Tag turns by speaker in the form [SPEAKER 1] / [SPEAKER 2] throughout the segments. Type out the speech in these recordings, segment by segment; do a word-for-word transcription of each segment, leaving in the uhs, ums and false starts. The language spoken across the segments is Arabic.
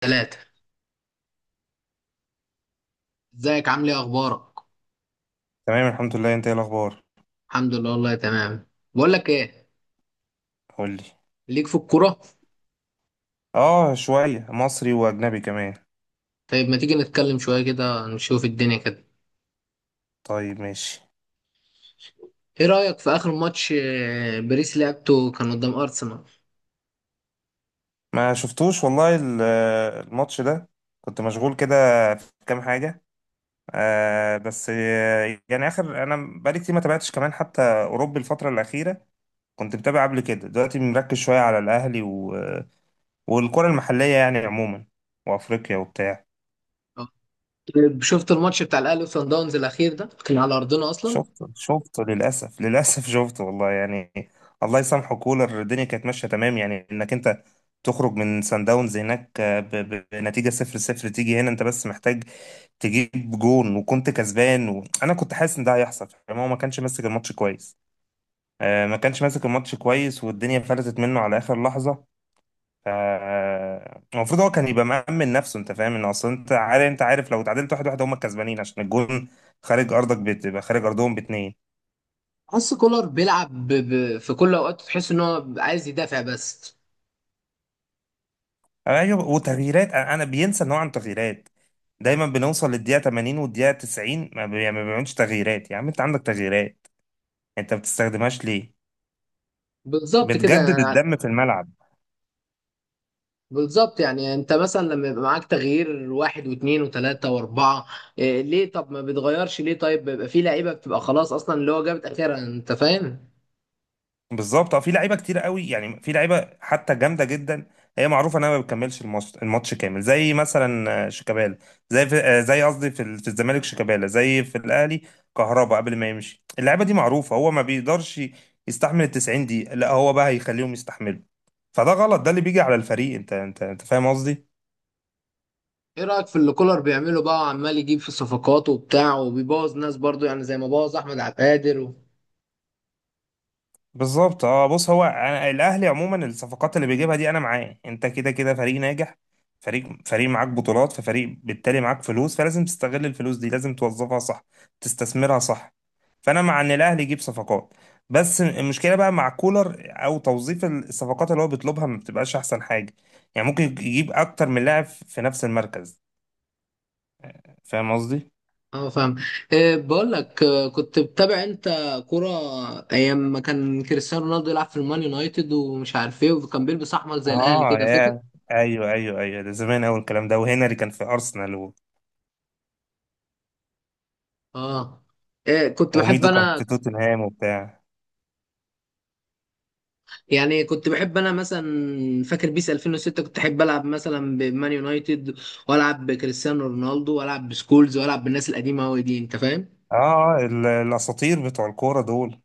[SPEAKER 1] ثلاثة. ازيك؟ عامل ايه؟ اخبارك؟
[SPEAKER 2] تمام الحمد لله، انت ايه الاخبار؟
[SPEAKER 1] الحمد لله، والله تمام. بقول لك ايه،
[SPEAKER 2] قول لي.
[SPEAKER 1] ليك في الكورة؟
[SPEAKER 2] اه، شويه مصري واجنبي كمان.
[SPEAKER 1] طيب، ما تيجي نتكلم شوية كده، نشوف الدنيا كده.
[SPEAKER 2] طيب ماشي.
[SPEAKER 1] ايه رأيك في اخر ماتش آه، باريس؟ لعبته كان قدام ارسنال.
[SPEAKER 2] ما شفتوش والله ال- الماتش ده. كنت مشغول كده في كام حاجه. آه بس آه، يعني اخر انا بقالي كتير ما تابعتش كمان حتى اوروبي الفتره الاخيره. كنت متابع قبل كده، دلوقتي مركز شويه على الاهلي و... والكره المحليه يعني عموما، وافريقيا وبتاع.
[SPEAKER 1] آه. طيب، شفت الماتش بتاع الاهلي وصن داونز الاخير ده؟ كان على ارضنا اصلا.
[SPEAKER 2] شفته شفته للأسف للأسف شفته والله يعني. الله يسامحه كولر، الدنيا كانت ماشية تمام يعني، إنك أنت تخرج من سان داونز هناك ب- ب- بنتيجة صفر صفر، تيجي هنا أنت بس محتاج تجيب جون وكنت كسبان. وأنا كنت حاسس إن ده هيحصل، فاهم؟ هو ما كانش ماسك الماتش كويس، آه، ما كانش ماسك الماتش كويس، والدنيا فلتت منه على آخر لحظة. ف- آه، المفروض هو كان يبقى مأمن نفسه، أنت فاهم إن أصلا أنت عارف أنت عارف لو اتعادلت واحد واحد هم الكسبانين عشان الجون خارج أرضك، بتبقى خارج أرضهم باتنين.
[SPEAKER 1] حس كولر بيلعب ب... ب... في كل اوقات، تحس ان هو عايز يدافع بس.
[SPEAKER 2] ايوه، وتغييرات، انا أنا بينسى ان هو عنده تغييرات، دايما بنوصل للدقيقه ثمانين والدقيقه تسعين ما بي- ما بيعملش تغييرات. يا عم انت عندك تغييرات، انت ما بتستخدمهاش ليه؟
[SPEAKER 1] بالظبط كده.
[SPEAKER 2] بتجدد الدم في الملعب.
[SPEAKER 1] بالظبط، يعني انت مثلا لما يبقى معاك تغيير واحد واثنين وثلاثة واربعة، إيه ليه؟ طب ما بتغيرش ليه؟ طيب، بيبقى في لعيبة بتبقى خلاص اصلا، اللي هو جابت اخرها، انت فاهم.
[SPEAKER 2] بالظبط اه، في لعيبه كتير قوي، يعني في لعيبه حتى جامده جدا هي معروفه انها ما بتكملش الماتش الماتش كامل، زي مثلا آه، شيكابالا، زي في آه، زي قصدي في ال- في الزمالك، شيكابالا، زي في الاهلي كهربا قبل ما يمشي. اللعيبه دي معروفه هو ما بيقدرش يستحمل ال تسعين دقيقه، لا هو بقى هيخليهم يستحملوا؟ فده غلط، ده اللي بيجي على الفريق. انت انت انت فاهم قصدي.
[SPEAKER 1] ايه رأيك في اللي كولر بيعمله بقى، وعمال يجيب في الصفقات وبتاع، وبيبوظ ناس برضو، يعني زي ما بوظ احمد عبد القادر و...
[SPEAKER 2] بالظبط اه بص، هو أنا الاهلي عموما الصفقات اللي بيجيبها دي انا معاه، انت كده كده فريق ناجح، فريق فريق معاك بطولات، ففريق بالتالي معاك فلوس، فلازم تستغل الفلوس دي، لازم توظفها صح، تستثمرها صح. فانا مع ان الاهلي يجيب صفقات، بس المشكله بقى مع كولر او توظيف الصفقات اللي هو بيطلبها ما بتبقاش احسن حاجه. يعني ممكن يجيب اكتر من لاعب في نفس المركز، فاهم قصدي؟
[SPEAKER 1] اه، فاهم. إيه، بقول لك آه، كنت بتابع انت كرة ايام ما كان كريستيانو رونالدو يلعب في المان يونايتد ومش عارف ايه، وكان بيلبس احمر زي الاهلي
[SPEAKER 2] اه
[SPEAKER 1] كده، فاكر؟
[SPEAKER 2] يا، ايوه ايوه ايوه، ده زمان قوي الكلام ده، وهنري كان في ارسنال و-
[SPEAKER 1] اه. إيه، كنت بحب
[SPEAKER 2] وميدو كان
[SPEAKER 1] انا،
[SPEAKER 2] في توتنهام وبتاع.
[SPEAKER 1] يعني كنت بحب انا مثلا، فاكر بيس ألفين وستة كنت احب العب مثلا بمان يونايتد، والعب بكريستيانو رونالدو، والعب بسكولز، والعب بالناس القديمه قوي دي، انت فاهم.
[SPEAKER 2] اه آه، ال- الاساطير بتوع الكوره دول.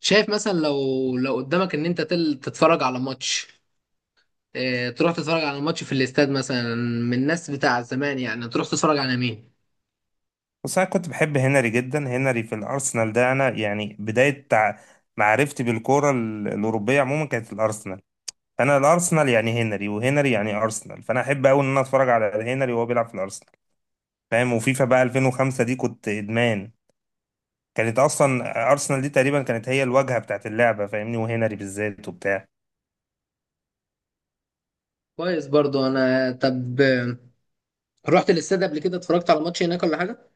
[SPEAKER 1] شايف مثلا، لو لو قدامك ان انت تل تتفرج على ماتش، اه، تروح تتفرج على ماتش في الاستاد مثلا من الناس بتاع زمان، يعني تروح تتفرج على مين؟
[SPEAKER 2] بس انا كنت بحب هنري جدا، هنري في الارسنال ده انا يعني بدايه تع- معرفتي بالكوره ال- الاوروبيه عموما كانت في الارسنال. انا الارسنال يعني هنري، وهنري يعني ارسنال، فانا احب قوي ان انا اتفرج على هنري وهو بيلعب في الارسنال، فاهم؟ وفيفا بقى ألفين وخمسة دي كنت ادمان. كانت اصلا ارسنال دي تقريبا كانت هي الواجهه بتاعت اللعبه، فاهمني، وهنري بالذات وبتاع.
[SPEAKER 1] كويس. برضو انا، طب آه، رحت الاستاد قبل كده؟ اتفرجت على ماتش هناك ولا حاجه؟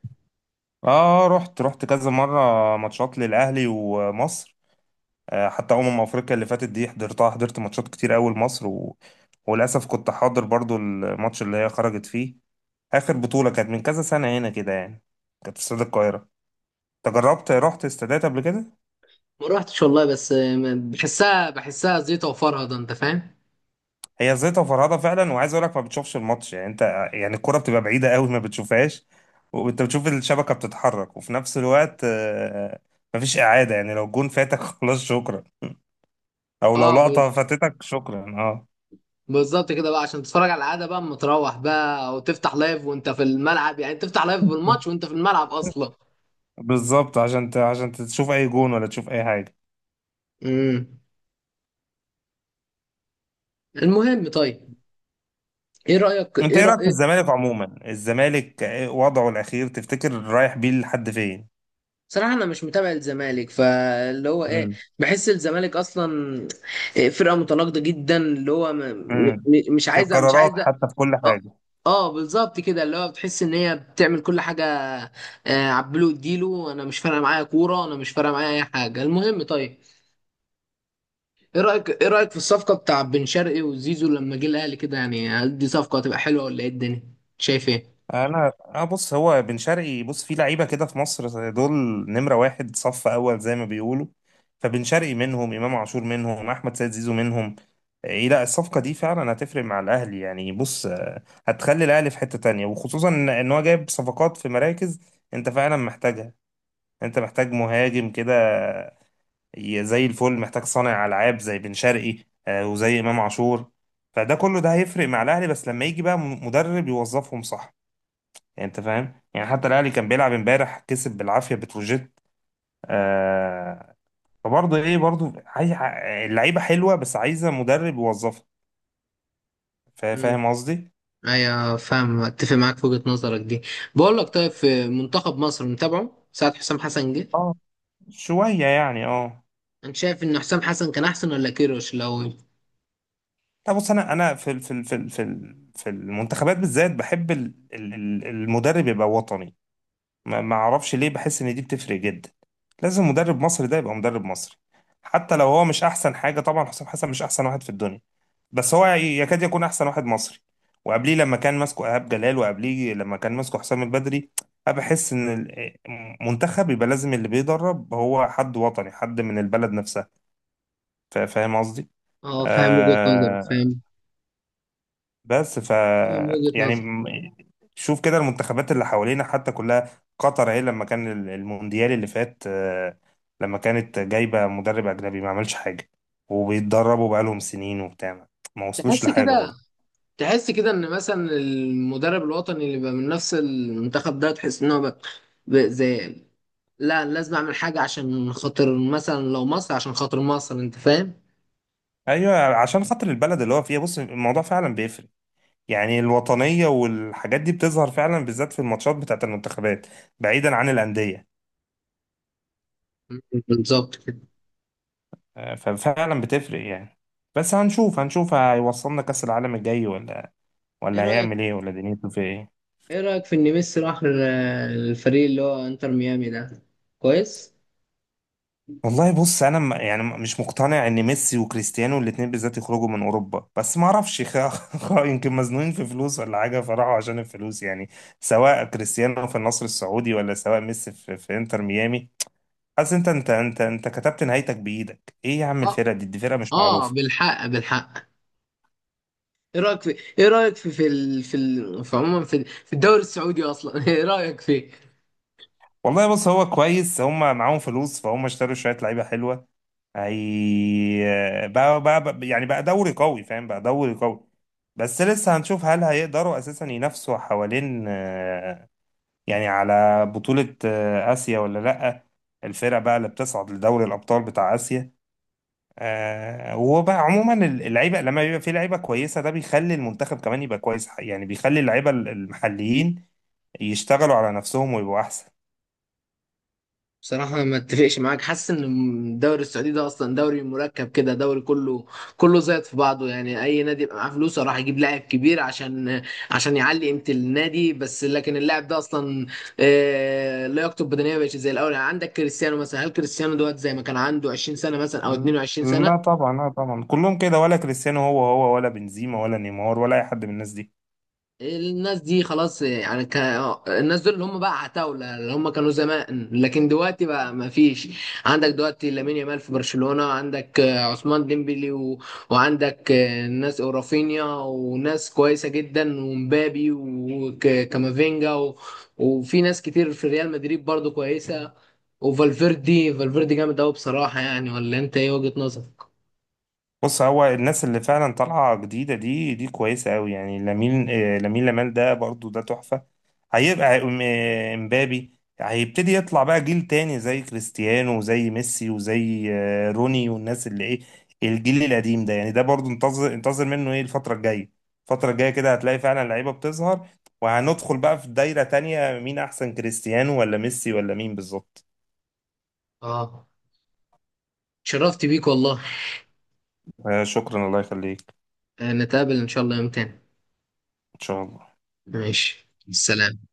[SPEAKER 2] اه آه، رحت رحت كذا مره ماتشات للاهلي ومصر. آه، حتى أمم أفريقيا اللي فاتت دي حضرتها، حضرت ماتشات كتير أوي لمصر و... وللأسف كنت حاضر برضو الماتش اللي هي خرجت فيه، آخر بطولة كانت من كذا سنة هنا كده يعني. كانت في استاد القاهرة. أنت جربت رحت استادات قبل كده؟
[SPEAKER 1] ما روحتش والله، بس آه، بحسها بحسها زيطه وفرهده، انت فاهم.
[SPEAKER 2] هي زيطة فرهضة فعلا، وعايز أقول لك ما بتشوفش الماتش يعني أنت، يعني الكرة بتبقى بعيدة أوي ما بتشوفهاش. وأنت بتشوف الشبكة بتتحرك، وفي نفس الوقت آه، مفيش إعادة. يعني لو الجون فاتك خلاص شكرا، أو لو
[SPEAKER 1] اه.
[SPEAKER 2] لقطة فاتتك شكرا أه.
[SPEAKER 1] بالظبط كده بقى، عشان تتفرج على العاده بقى، اما تروح بقى وتفتح لايف وانت في الملعب، يعني تفتح لايف بالماتش وانت في الملعب اصلا.
[SPEAKER 2] بالظبط عشان ت... عشان تشوف اي جون ولا تشوف اي حاجه.
[SPEAKER 1] امم. المهم، طيب، ايه رايك
[SPEAKER 2] انت
[SPEAKER 1] ايه
[SPEAKER 2] ايه رايك في
[SPEAKER 1] رايك
[SPEAKER 2] الزمالك عموما؟ الزمالك إيه وضعه الاخير، تفتكر رايح بيه لحد فين؟
[SPEAKER 1] صراحه انا مش متابع الزمالك، فاللي هو ايه،
[SPEAKER 2] مم.
[SPEAKER 1] بحس الزمالك اصلا إيه، فرقه متناقضه جدا، اللي هو م... م...
[SPEAKER 2] امم
[SPEAKER 1] م- مش
[SPEAKER 2] في
[SPEAKER 1] عايزه مش
[SPEAKER 2] القرارات
[SPEAKER 1] عايزه
[SPEAKER 2] حتى في كل
[SPEAKER 1] اه،
[SPEAKER 2] حاجه.
[SPEAKER 1] آه، بالظبط كده، اللي هو بتحس ان هي بتعمل كل حاجه. آه، عبله اديله، انا مش فارقه معايا كوره، انا مش فارقه معايا اي حاجه. المهم، طيب، ايه رايك ايه رايك في الصفقه بتاع بن شرقي وزيزو لما جه الاهلي كده؟ يعني هل دي صفقه هتبقى حلوه ولا ايه؟ الدنيا شايف ايه؟
[SPEAKER 2] انا اه بص، هو بن شرقي بص، في لعيبه كده في مصر دول نمره واحد، صف اول زي ما بيقولوا. فبن شرقي منهم، امام عاشور منهم، احمد سيد زيزو منهم. ايه لا، الصفقه دي فعلا هتفرق مع الاهلي، يعني بص، آه، هتخلي الاهلي في حته تانية، وخصوصا ان إن هو جايب صفقات في مراكز انت فعلا محتاجها. انت محتاج مهاجم كده ي- زي الفل، محتاج صانع العاب زي بن شرقي، آه، وزي امام عاشور. فده كله ده هيفرق مع الاهلي، بس لما يجي بقى م- مدرب يوظفهم صح، يعني انت فاهم؟ يعني حتى الاهلي كان بيلعب امبارح كسب بالعافيه بتروجيت. آه، فبرضه ايه، برضه عايز اللعيبه حلوه، بس عايزه مدرب يوظفها. فا-
[SPEAKER 1] امم.
[SPEAKER 2] فاهم قصدي؟
[SPEAKER 1] ايوه، فاهم، اتفق معاك في وجهه نظرك دي. بقول لك، طيب، في منتخب مصر متابعه ساعه حسام حسن جه؟
[SPEAKER 2] اه شويه يعني اه.
[SPEAKER 1] انت شايف ان حسام حسن كان احسن ولا كيروش؟ لو
[SPEAKER 2] لا بص، انا انا في ال- في ال- في ال- في ال- في المنتخبات بالذات بحب ال- ال- ال- المدرب يبقى وطني. ما ما اعرفش ليه، بحس ان دي بتفرق جدا. لازم مدرب مصري، ده يبقى مدرب مصري. حتى لو هو مش احسن حاجه، طبعا حسام حسن مش احسن واحد في الدنيا، بس هو يكاد يكون احسن واحد مصري. وقبليه لما كان ماسكه ايهاب جلال، وقبليه لما كان ماسكه حسام البدري. انا بحس ان ال- منتخب يبقى لازم، اللي بيدرب هو حد وطني، حد من البلد نفسها. فا- فاهم قصدي؟
[SPEAKER 1] اه، فاهم وجهه نظرك.
[SPEAKER 2] آه،
[SPEAKER 1] فاهم
[SPEAKER 2] بس ف
[SPEAKER 1] فاهم وجهه
[SPEAKER 2] يعني
[SPEAKER 1] نظرك.
[SPEAKER 2] م- شوف كده المنتخبات اللي حوالينا حتى كلها، قطر اهي لما كان ال- المونديال اللي فات، آه لما كانت جايبة مدرب اجنبي ما عملش حاجة، وبيتدربوا بقالهم سنين وبتاع، ما وصلوش
[SPEAKER 1] تحس
[SPEAKER 2] لحاجة
[SPEAKER 1] كده
[SPEAKER 2] برضه.
[SPEAKER 1] تحس كده ان مثلا المدرب الوطني اللي بقى من نفس المنتخب ده، تحس ان هو بقى، بقى زي لا، لازم اعمل حاجه عشان خاطر مثلا لو مصر، عشان خاطر مصر، انت فاهم.
[SPEAKER 2] ايوه، عشان خاطر البلد اللي هو فيها، بص الموضوع فعلا بيفرق. يعني الوطنيه والحاجات دي بتظهر فعلا بالذات في الماتشات بتاعت المنتخبات، بعيدا عن الانديه.
[SPEAKER 1] بالظبط كده.
[SPEAKER 2] آه، ففعلا بتفرق يعني. بس هنشوف، هنشوف هيوصلنا كاس العالم الجاي ولا،
[SPEAKER 1] ايه
[SPEAKER 2] ولا
[SPEAKER 1] رايك
[SPEAKER 2] هيعمل ايه، ولا دنيته في ايه.
[SPEAKER 1] ايه رايك في ان ميسي راح ال- الفريق اللي هو انتر ميامي ده؟ كويس.
[SPEAKER 2] والله بص، انا م- يعني مش مقتنع ان ميسي وكريستيانو الاثنين بالذات يخرجوا من اوروبا، بس ما اعرفش خ- خ- يمكن مزنوقين في فلوس ولا حاجه فراحوا عشان الفلوس يعني. سواء كريستيانو في النصر السعودي، ولا سواء ميسي في, في انتر ميامي. حاسس انت انت انت انت كتبت نهايتك بايدك، ايه يا عم،
[SPEAKER 1] اه
[SPEAKER 2] الفرقه دي دي فرقه مش
[SPEAKER 1] اه،
[SPEAKER 2] معروفه.
[SPEAKER 1] بالحق بالحق. ايه رايك في، ايه رايك في في ال... في, ال... في عموما في, في الدوري السعودي اصلا، ايه رايك فيه؟
[SPEAKER 2] والله بص هو كويس، هم معاهم فلوس، فهم اشتروا شويه لعيبه حلوه. هي بقى, بقى, بقى يعني بقى دوري قوي، فاهم، بقى دوري قوي. بس لسه هنشوف هل هيقدروا اساسا ينافسوا حوالين آه، يعني على بطوله آه، اسيا ولا لا، الفرقه بقى اللي بتصعد لدوري الابطال بتاع اسيا. آه، وبقى عموما ال- اللعيبه، لما بيبقى في لعيبه كويسه ده بيخلي المنتخب كمان يبقى كويس، يعني بيخلي اللعيبه ال- المحليين يشتغلوا على نفسهم ويبقوا احسن.
[SPEAKER 1] بصراحة ما اتفقش معاك، حاسس ان الدوري السعودي ده اصلا دوري مركب كده، دوري كله كله زيط في بعضه، يعني اي نادي يبقى معاه فلوسه راح يجيب لاعب كبير عشان عشان يعلي قيمة النادي، بس لكن اللاعب ده اصلا آه، لياقته البدنية مبقتش زي الاول، يعني عندك كريستيانو مثلا، هل كريستيانو دوت زي ما كان عنده 20 سنة مثلا او 22 سنة؟
[SPEAKER 2] لا طبعا، لا طبعا كلهم كده، ولا كريستيانو هو هو، ولا بنزيما ولا نيمار ولا اي حد من الناس دي.
[SPEAKER 1] الناس دي خلاص، يعني ك... الناس دول اللي هم بقى عتاولة، اللي هم كانوا زمان، لكن دلوقتي بقى ما فيش. عندك دلوقتي لامين يامال في برشلونة، عندك آه، عثمان ديمبلي و... وعندك آه، ناس، ورافينيا، وناس كويسة جدا، ومبابي، وكامافينجا و... وفي ناس كتير في ريال مدريد برضو كويسة، وفالفيردي فالفيردي جامد قوي بصراحة، يعني، ولا انت ايه وجهة نظرك؟
[SPEAKER 2] بص، هو الناس اللي فعلا طالعه جديده دي دي كويسه قوي، يعني لامين، آه، لامين يامال ده برضو ده تحفه. هيبقى م- مبابي هيبتدي يطلع بقى جيل تاني زي كريستيانو وزي ميسي وزي آه، روني، والناس اللي ايه الجيل القديم ده، يعني ده برضو انتظر انتظر منه ايه الفترة الجاية. الفترة الجاية كده هتلاقي فعلا لعيبة بتظهر، وهندخل بقى في دايرة تانية مين احسن كريستيانو ولا ميسي ولا مين بالظبط.
[SPEAKER 1] اه، شرفت بيك والله.
[SPEAKER 2] آه، شكرا الله يخليك.
[SPEAKER 1] آه، نتقابل ان شاء الله يوم تاني.
[SPEAKER 2] ان شاء الله.
[SPEAKER 1] ماشي، السلام.